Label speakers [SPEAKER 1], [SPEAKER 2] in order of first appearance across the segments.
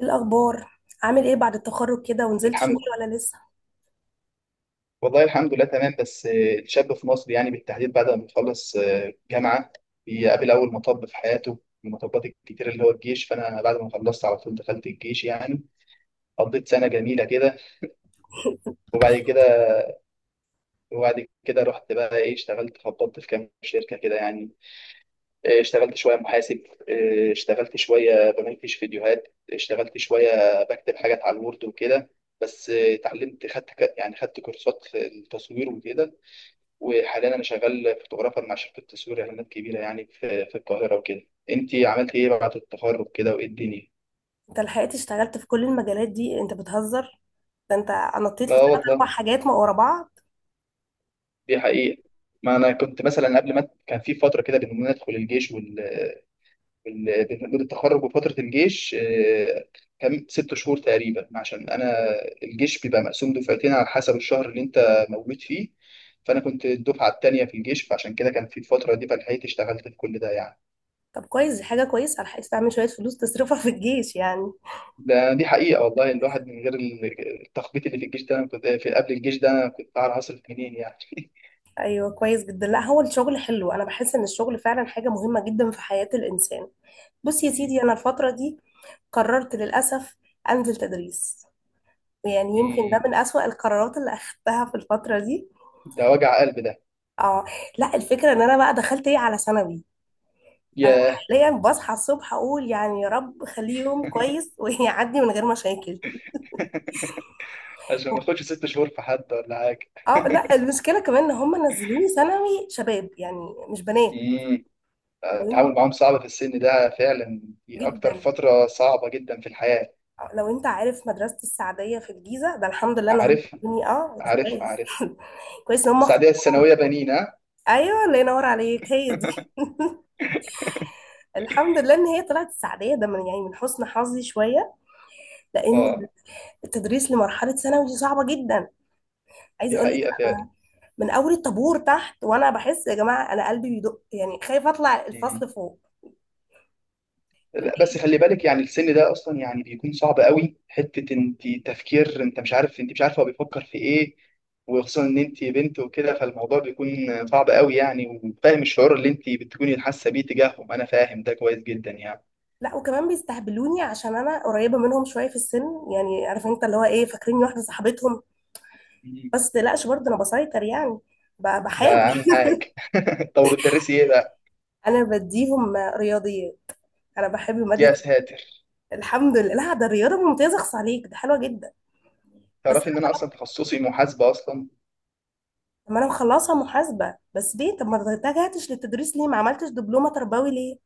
[SPEAKER 1] إيه الأخبار؟ عامل ايه بعد التخرج كده؟ ونزلت شغل
[SPEAKER 2] الحمد
[SPEAKER 1] ولا لسه؟
[SPEAKER 2] والله، الحمد لله تمام، بس الشاب في مصر يعني بالتحديد بعد ما بيخلص جامعة، بيقابل أول مطب في حياته من المطبات الكتير اللي هو الجيش. فأنا بعد ما خلصت على طول دخلت الجيش يعني قضيت سنة جميلة كده. وبعد كده وبعد كده رحت بقى إيه اشتغلت، خبطت في كام شركة كده يعني. اشتغلت شوية محاسب، اشتغلت شوية بمنتج فيديوهات، اشتغلت شوية بكتب حاجات على الوورد وكده. بس اتعلمت، يعني خدت كورسات في التصوير وكده. وحاليا انا شغال فوتوغرافر مع شركه تصوير اعلانات كبيره يعني في القاهره وكده. انت عملت ايه بعد التخرج كده وايه الدنيا؟
[SPEAKER 1] انت لحقت اشتغلت في كل المجالات دي؟ انت بتهزر، ده انت نطيت في
[SPEAKER 2] لا
[SPEAKER 1] ثلاث اربع
[SPEAKER 2] والله،
[SPEAKER 1] حاجات ما ورا بعض.
[SPEAKER 2] دي حقيقه، ما انا كنت مثلا قبل، ما كان في فتره كده بين ما ندخل الجيش بين التخرج وفتره الجيش. كان 6 شهور تقريبا، عشان انا الجيش بيبقى مقسوم دفعتين على حسب الشهر اللي انت موجود فيه. فانا كنت الدفعه الثانيه في الجيش، فعشان كده كان في الفتره دي فلحقت اشتغلت في كل ده يعني.
[SPEAKER 1] طب كويس، دي حاجة كويسة، لحقت تعمل شوية فلوس تصرفها في الجيش يعني.
[SPEAKER 2] دي حقيقة والله، الواحد من غير التخبيط اللي في الجيش ده، أنا كنت في قبل الجيش ده أنا كنت أعرف أصرف منين يعني.
[SPEAKER 1] ايوه كويس جدا. لا هو الشغل حلو، انا بحس ان الشغل فعلا حاجة مهمة جدا في حياة الإنسان. بص يا
[SPEAKER 2] مم.
[SPEAKER 1] سيدي، انا الفترة دي قررت للأسف انزل تدريس. يعني يمكن ده
[SPEAKER 2] مم.
[SPEAKER 1] من أسوأ القرارات اللي أخدتها في الفترة دي.
[SPEAKER 2] ده وجع قلب ده.
[SPEAKER 1] اه، لا الفكرة ان انا بقى دخلت ايه، على ثانوي. انا
[SPEAKER 2] ياه.
[SPEAKER 1] حاليا بصحى الصبح اقول يعني يا رب خليه يوم كويس ويعدي من غير مشاكل.
[SPEAKER 2] عشان ما اخدش 6 شهور في حد ولا حاجة.
[SPEAKER 1] اه، لا المشكله كمان ان هم نزلوني ثانوي شباب يعني مش بنات.
[SPEAKER 2] مم.
[SPEAKER 1] لو إن-
[SPEAKER 2] التعامل معاهم صعب في السن ده فعلا، دي أكتر
[SPEAKER 1] جدا.
[SPEAKER 2] فترة صعبة جدا في الحياة.
[SPEAKER 1] لو انت عارف مدرسه السعديه في الجيزه، ده الحمد لله ان هم
[SPEAKER 2] عارف.
[SPEAKER 1] خدوني، اه ده
[SPEAKER 2] عارف
[SPEAKER 1] كويس
[SPEAKER 2] عارف.
[SPEAKER 1] كويس ان هم
[SPEAKER 2] السعودية
[SPEAKER 1] اخطوا.
[SPEAKER 2] الثانوية بنين، ها؟
[SPEAKER 1] ايوه الله ينور عليك، هي دي. الحمد لله ان هي طلعت السعديه، ده من يعني من حسن حظي شويه. لان
[SPEAKER 2] اه،
[SPEAKER 1] التدريس لمرحله ثانوي دي صعبه جدا. عايزه
[SPEAKER 2] دي
[SPEAKER 1] اقول لك،
[SPEAKER 2] حقيقة فعلا.
[SPEAKER 1] من اول الطابور تحت وانا بحس يا جماعه انا قلبي بيدق، يعني خايفه اطلع الفصل فوق.
[SPEAKER 2] لا بس
[SPEAKER 1] العيال
[SPEAKER 2] خلي بالك، يعني السن ده اصلا يعني بيكون صعب قوي، حته انت تفكير انت مش عارف، انت مش عارفه هو بيفكر في ايه. وخصوصا ان انت بنت وكده، فالموضوع بيكون صعب قوي يعني. وفاهم الشعور اللي انت بتكوني حاسه بيه تجاههم، انا فاهم ده كويس جدا يعني.
[SPEAKER 1] لا وكمان بيستهبلوني عشان انا قريبه منهم شويه في السن. يعني عارف انت اللي هو ايه، فاكريني واحده صاحبتهم.
[SPEAKER 2] مم.
[SPEAKER 1] بس متقلقش برضه انا بسيطر يعني،
[SPEAKER 2] ده
[SPEAKER 1] بحاول.
[SPEAKER 2] اهم حاجه. طب بتدرسي ايه بقى؟
[SPEAKER 1] انا بديهم رياضيات، انا بحب
[SPEAKER 2] يا
[SPEAKER 1] ماده.
[SPEAKER 2] ساتر.
[SPEAKER 1] الحمد لله، لا ده الرياضه ممتازه، اخص عليك، ده حلوه جدا. بس
[SPEAKER 2] تعرفي ان انا اصلا تخصصي محاسبه اصلا.
[SPEAKER 1] طب ما انا مخلصها محاسبه، بس ليه طب ما اتجهتش للتدريس؟ ليه ما عملتش دبلومه تربوي ليه؟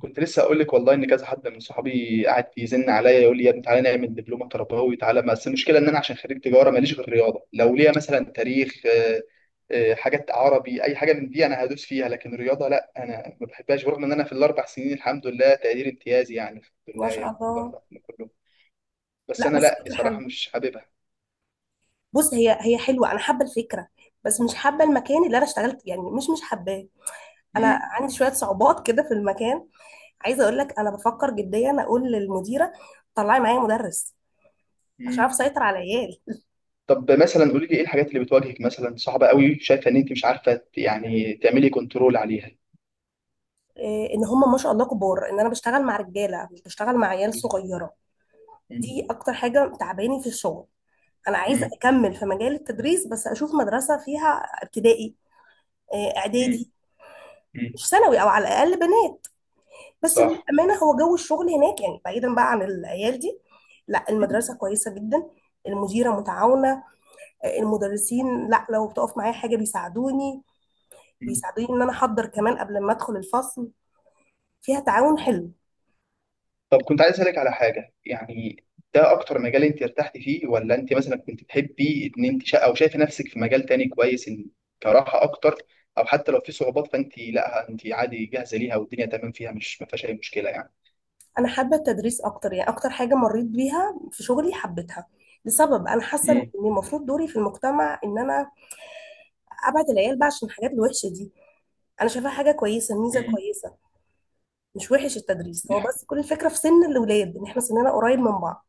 [SPEAKER 2] كنت لسه اقول لك والله ان كذا حد من صحابي قاعد يزن عليا يقول لي يا ابني تعالى نعمل دبلومه تربوي تعالى. بس المشكله ان انا عشان خريج تجاره ماليش غير رياضه. لو ليا مثلا تاريخ، حاجات عربي، اي حاجه من دي انا هدوس فيها، لكن رياضه لا انا ما بحبهاش. برغم ان انا في الاربع سنين الحمد لله تقدير امتيازي يعني، الحمد
[SPEAKER 1] ما
[SPEAKER 2] لله
[SPEAKER 1] شاء
[SPEAKER 2] يعني في
[SPEAKER 1] الله.
[SPEAKER 2] الاربع سنين كلهم. بس
[SPEAKER 1] لا
[SPEAKER 2] انا
[SPEAKER 1] بس
[SPEAKER 2] لا
[SPEAKER 1] فكره
[SPEAKER 2] بصراحه
[SPEAKER 1] حلوه.
[SPEAKER 2] مش حاببها.
[SPEAKER 1] بص، هي هي حلوه، انا حابه الفكره، بس مش حابه المكان اللي انا اشتغلت يعني، مش حباه. انا
[SPEAKER 2] امم.
[SPEAKER 1] عندي شويه صعوبات كده في المكان. عايزه اقول لك، انا بفكر جديا اقول للمديره طلعي معايا مدرس عشان
[SPEAKER 2] امم.
[SPEAKER 1] اعرف اسيطر على العيال.
[SPEAKER 2] طب مثلا قولي لي ايه الحاجات اللي بتواجهك مثلا صعبه قوي، شايفه ان انت مش عارفه يعني تعملي كنترول عليها؟
[SPEAKER 1] إيه ان هم ما شاء الله كبار، ان انا بشتغل مع رجاله مش بشتغل مع عيال صغيره.
[SPEAKER 2] مم.
[SPEAKER 1] دي اكتر حاجه تعباني في الشغل. انا عايزه
[SPEAKER 2] مم.
[SPEAKER 1] اكمل في مجال التدريس، بس اشوف مدرسه فيها ابتدائي، إيه اعدادي،
[SPEAKER 2] مم.
[SPEAKER 1] مش ثانوي، او على الاقل بنات. بس
[SPEAKER 2] صح.
[SPEAKER 1] للأمانة هو جو الشغل هناك، يعني بعيدا بقى عن العيال دي، لا المدرسة كويسة جدا. المديرة متعاونة، المدرسين لا لو بتقف معايا حاجة بيساعدوني
[SPEAKER 2] مم.
[SPEAKER 1] بيساعدوني ان انا احضر كمان قبل ما ادخل الفصل. فيها تعاون حلو.
[SPEAKER 2] طب كنت عايز اسالك على حاجه يعني، ده اكتر مجال انت ارتحتي فيه؟ ولا انت مثلا كنت تحبي ان انت او شايفه نفسك في مجال تاني كويس، ان كراحه اكتر، او حتى لو في صعوبات فانت لا انت عادي جاهزه ليها والدنيا تمام فيها، مش ما فيهاش اي مشكله يعني.
[SPEAKER 1] انا حابة التدريس اكتر، يعني اكتر حاجة مريت بيها في شغلي حبيتها. لسبب انا حاسة ان
[SPEAKER 2] امم.
[SPEAKER 1] المفروض دوري في المجتمع ان انا ابعد العيال بقى عشان الحاجات الوحشة دي. انا شايفاها حاجة كويسة، ميزة
[SPEAKER 2] امم.
[SPEAKER 1] كويسة. مش وحش التدريس،
[SPEAKER 2] دي
[SPEAKER 1] هو
[SPEAKER 2] حاجة.
[SPEAKER 1] بس كل الفكرة في سن الاولاد ان احنا سننا قريب من بعض.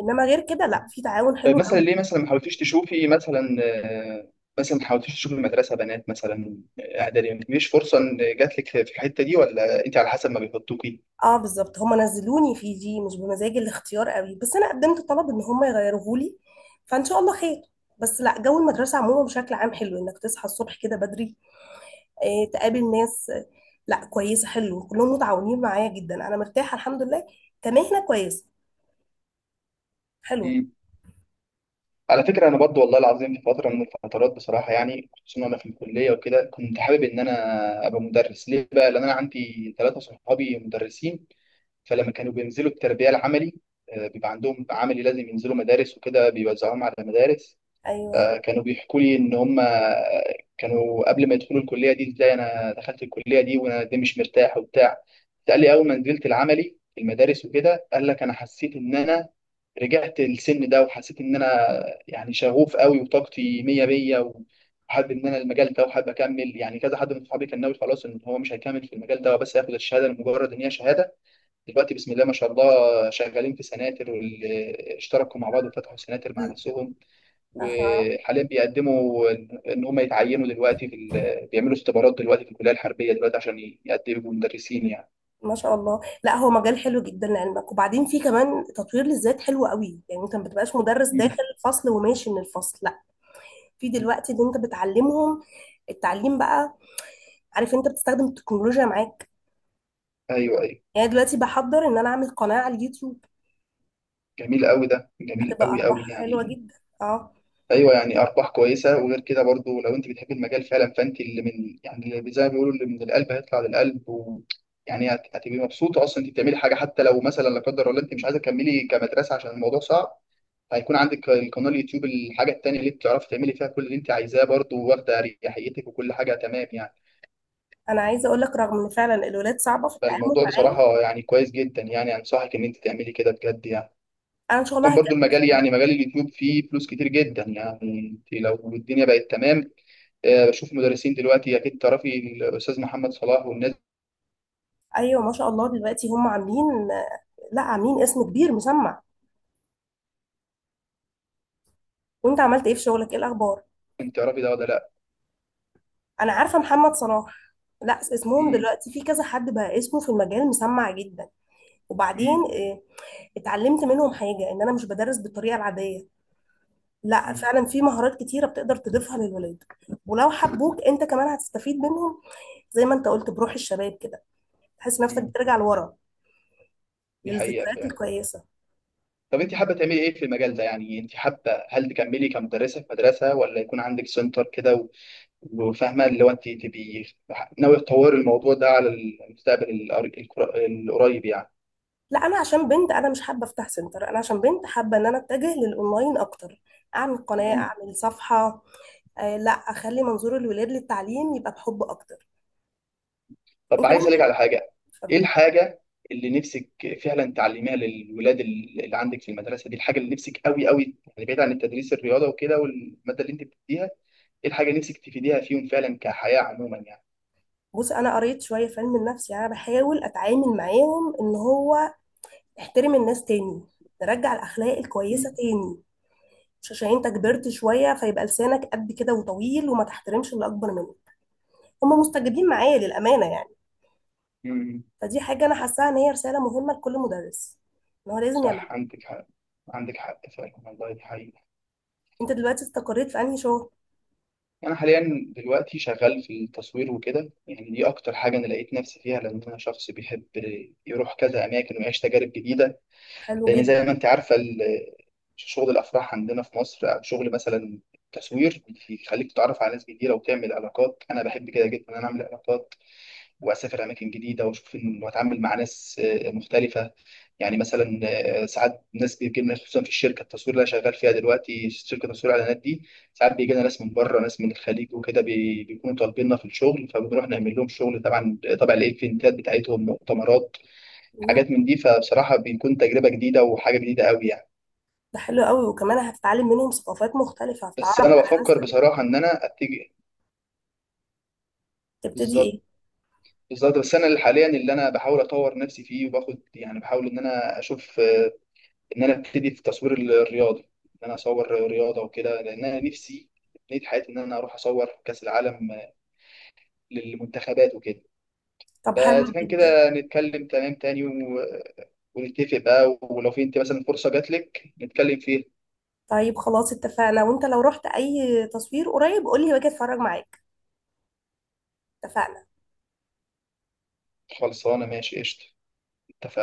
[SPEAKER 1] انما غير كده لا
[SPEAKER 2] مم.
[SPEAKER 1] في تعاون
[SPEAKER 2] طيب
[SPEAKER 1] حلو
[SPEAKER 2] مثلا
[SPEAKER 1] قوي.
[SPEAKER 2] ليه مثلا ما حاولتيش تشوفي مثلا آه، مثلا ما حاولتيش تشوفي مدرسه بنات مثلا، اعدادي؟ مفيش فرصه ان جات لك في الحته دي ولا انت على حسب ما بيحطوكي؟
[SPEAKER 1] اه بالظبط، هم نزلوني في دي مش بمزاج الاختيار قوي، بس انا قدمت طلب ان هم يغيروه لي، فان شاء الله خير. بس لا جو المدرسه عموما بشكل عام حلو، انك تصحى الصبح كده بدري، آه تقابل ناس، آه لا كويسه، حلو، كلهم متعاونين معايا جدا، انا مرتاحه الحمد لله. كمهنه كويسه، حلوه.
[SPEAKER 2] على فكرة أنا برضو والله العظيم في فترة من الفترات بصراحة يعني خصوصا أنا في الكلية وكده كنت حابب إن أنا أبقى مدرس. ليه بقى؟ لأن أنا عندي 3 صحابي مدرسين، فلما كانوا بينزلوا التربية العملي، بيبقى عندهم عملي لازم ينزلوا مدارس وكده، بيوزعوهم على مدارس.
[SPEAKER 1] ايوه.
[SPEAKER 2] كانوا بيحكوا لي إن هم، كانوا قبل ما يدخلوا الكلية دي إزاي أنا دخلت الكلية دي وأنا دي مش مرتاح وبتاع. قال لي أول ما نزلت العملي في المدارس وكده قال لك أنا حسيت إن أنا رجعت السن ده وحسيت ان انا يعني شغوف قوي وطاقتي مية مية وحابب ان انا المجال ده وحابب اكمل يعني. كذا حد من صحابي كان ناوي خلاص ان هو مش هيكمل في المجال ده وبس هياخد الشهاده لمجرد ان هي شهاده. دلوقتي بسم الله ما شاء الله شغالين في سناتر، واللي اشتركوا مع بعض وفتحوا سناتر مع
[SPEAKER 1] ل-
[SPEAKER 2] نفسهم.
[SPEAKER 1] اها،
[SPEAKER 2] وحاليا بيقدموا ان إن هم يتعينوا دلوقتي في بيعملوا اختبارات دلوقتي في الكليه الحربيه دلوقتي عشان يقدموا مدرسين يعني.
[SPEAKER 1] ما شاء الله، لا هو مجال حلو جدا لعلمك. وبعدين في كمان تطوير للذات حلو قوي، يعني انت ما بتبقاش مدرس
[SPEAKER 2] مم.
[SPEAKER 1] داخل الفصل وماشي من الفصل. في دلوقتي اللي انت بتعلمهم التعليم بقى، عارف انت بتستخدم التكنولوجيا معاك.
[SPEAKER 2] ايوه ايوه.
[SPEAKER 1] يعني دلوقتي بحضر ان انا اعمل قناة على اليوتيوب.
[SPEAKER 2] جميل قوي، ده جميل
[SPEAKER 1] هتبقى
[SPEAKER 2] قوي قوي
[SPEAKER 1] ارباحها حلوة
[SPEAKER 2] يعني.
[SPEAKER 1] جدا. اه.
[SPEAKER 2] ايوه يعني ارباح كويسه، وغير كده برضو لو انت بتحب المجال فعلا فانت اللي من يعني اللي زي ما بيقولوا اللي من القلب هيطلع للقلب، و يعني هتبقي مبسوطه اصلا انت بتعملي حاجه. حتى لو مثلا، لا قدر الله، انت مش عايزه تكملي كمدرسه عشان الموضوع صعب، هيكون عندك القناه اليوتيوب الحاجه التانيه اللي انت تعرفي تعملي فيها كل اللي انت عايزاه برضو واخده اريحيتك وكل حاجه تمام يعني.
[SPEAKER 1] انا عايزة اقول لك رغم ان فعلا الولاد صعبة في التعامل
[SPEAKER 2] فالموضوع
[SPEAKER 1] معايا،
[SPEAKER 2] بصراحه يعني كويس جدا يعني، انصحك ان انت تعملي كده بجد يعني.
[SPEAKER 1] انا ان شاء الله
[SPEAKER 2] كان برضو
[SPEAKER 1] هكمل
[SPEAKER 2] المجال،
[SPEAKER 1] فيه.
[SPEAKER 2] يعني مجال اليوتيوب، فيه فلوس كتير جدا يعني، انت لو الدنيا بقت تمام. بشوف مدرسين دلوقتي، اكيد تعرفي الاستاذ محمد صلاح والناس دي،
[SPEAKER 1] ايوه ما شاء الله دلوقتي هم عاملين، لا عاملين اسم كبير مسمع. وانت عملت ايه في شغلك؟ ايه الاخبار؟
[SPEAKER 2] انت تعرفي ده ولا لا؟
[SPEAKER 1] انا عارفة محمد صلاح. لا اسمهم
[SPEAKER 2] امم.
[SPEAKER 1] دلوقتي، في كذا حد بقى اسمه في المجال مسمع جدا. وبعدين
[SPEAKER 2] امم.
[SPEAKER 1] اتعلمت منهم حاجة ان انا مش بدرس بالطريقة العادية. لا
[SPEAKER 2] امم.
[SPEAKER 1] فعلا في مهارات كتيرة بتقدر تضيفها للولاد. ولو حبوك انت كمان هتستفيد منهم. زي ما انت قلت، بروح الشباب كده تحس نفسك
[SPEAKER 2] أمم.
[SPEAKER 1] بترجع لورا
[SPEAKER 2] دي حقيقه
[SPEAKER 1] للذكريات
[SPEAKER 2] فعلا.
[SPEAKER 1] الكويسة.
[SPEAKER 2] طب انت حابه تعملي ايه في المجال ده يعني، انت حابه هل تكملي كمدرسه في مدرسه ولا يكون عندك سنتر كده وفاهمه اللي هو انت تبقي ناوي تطوري الموضوع ده على المستقبل القريب
[SPEAKER 1] لا انا عشان بنت انا مش حابة افتح سنتر، انا عشان بنت حابة ان انا اتجه للاونلاين اكتر. اعمل قناة،
[SPEAKER 2] يعني.
[SPEAKER 1] اعمل صفحة، آه لا اخلي منظور الولاد للتعليم يبقى بحب اكتر.
[SPEAKER 2] طب
[SPEAKER 1] انت
[SPEAKER 2] عايز اسالك
[SPEAKER 1] ممكن،
[SPEAKER 2] على حاجه. ايه
[SPEAKER 1] اتفضل.
[SPEAKER 2] الحاجه اللي نفسك فعلا تعلميها للولاد اللي عندك في المدرسه دي، الحاجه اللي نفسك قوي قوي يعني، بعيد عن التدريس الرياضه وكده والماده اللي انت بتديها؟ ايه الحاجه اللي نفسك تفيديها فيهم فعلا كحياه عموما يعني؟
[SPEAKER 1] بص انا قريت شوية في علم النفس، يعني انا بحاول اتعامل معاهم ان هو احترم الناس تاني، نرجع الاخلاق الكويسة
[SPEAKER 2] مم.
[SPEAKER 1] تاني. مش عشان انت كبرت شوية فيبقى لسانك قد كده وطويل وما تحترمش اللي اكبر منك. هم مستجيبين معايا للأمانة يعني.
[SPEAKER 2] مم.
[SPEAKER 1] فدي حاجة انا حاساها ان هي رسالة مهمة لكل مدرس ان هو لازم يعملها.
[SPEAKER 2] صح. عندك حق. عندك حق فعلا والله، دي حقيقة.
[SPEAKER 1] انت دلوقتي استقريت في انهي شغل؟
[SPEAKER 2] أنا حاليا دلوقتي شغال في التصوير وكده يعني، دي أكتر حاجة أنا لقيت نفسي فيها لأن أنا شخص بيحب يروح كذا أماكن ويعيش تجارب جديدة.
[SPEAKER 1] حلو
[SPEAKER 2] لأن زي
[SPEAKER 1] جدا.
[SPEAKER 2] ما أنت عارفة شغل الأفراح عندنا في مصر، أو شغل مثلا التصوير، بيخليك تتعرف على ناس جديدة وتعمل علاقات. أنا بحب كده جدا إن أنا أعمل علاقات وأسافر أماكن جديدة وأشوف وأتعامل مع ناس مختلفة. يعني مثلا ساعات ناس بيجي لنا، خصوصا في الشركه التصوير اللي انا شغال فيها دلوقتي، شركه تصوير اعلانات دي ساعات بيجي لنا ناس من بره، ناس من الخليج وكده، بيكونوا طالبيننا في الشغل، فبنروح نعمل لهم شغل. طبعا طبعا الايفنتات بتاعتهم، مؤتمرات،
[SPEAKER 1] مم.
[SPEAKER 2] حاجات من دي. فبصراحة بيكون تجربة جديدة وحاجة جديدة قوي يعني.
[SPEAKER 1] ده حلو قوي، وكمان هتتعلم منهم ثقافات مختلفة،
[SPEAKER 2] بس
[SPEAKER 1] هتتعرف
[SPEAKER 2] أنا
[SPEAKER 1] على ناس
[SPEAKER 2] بفكر
[SPEAKER 1] تانية.
[SPEAKER 2] بصراحة إن أنا أتجه،
[SPEAKER 1] تبتدي ايه؟
[SPEAKER 2] بالظبط بالظبط، بس أنا اللي حاليا اللي أنا بحاول أطور نفسي فيه وباخد يعني بحاول إن أنا أشوف إن أنا أبتدي في التصوير الرياضي، إن أنا أصور رياضة وكده، لأن أنا نفسي نهاية حياتي إن أنا أروح أصور كأس العالم للمنتخبات وكده.
[SPEAKER 1] طب
[SPEAKER 2] فإذا
[SPEAKER 1] حلو
[SPEAKER 2] كان
[SPEAKER 1] جدا.
[SPEAKER 2] كده نتكلم تمام تاني ونتفق بقى، ولو في، أنت مثلا فرصة جات لك نتكلم فيها.
[SPEAKER 1] طيب خلاص اتفقنا، وانت لو رحت اي تصوير قريب قولي باجي اتفرج معاك. اتفقنا.
[SPEAKER 2] خلصانة، ماشي قشطة، اتفقنا.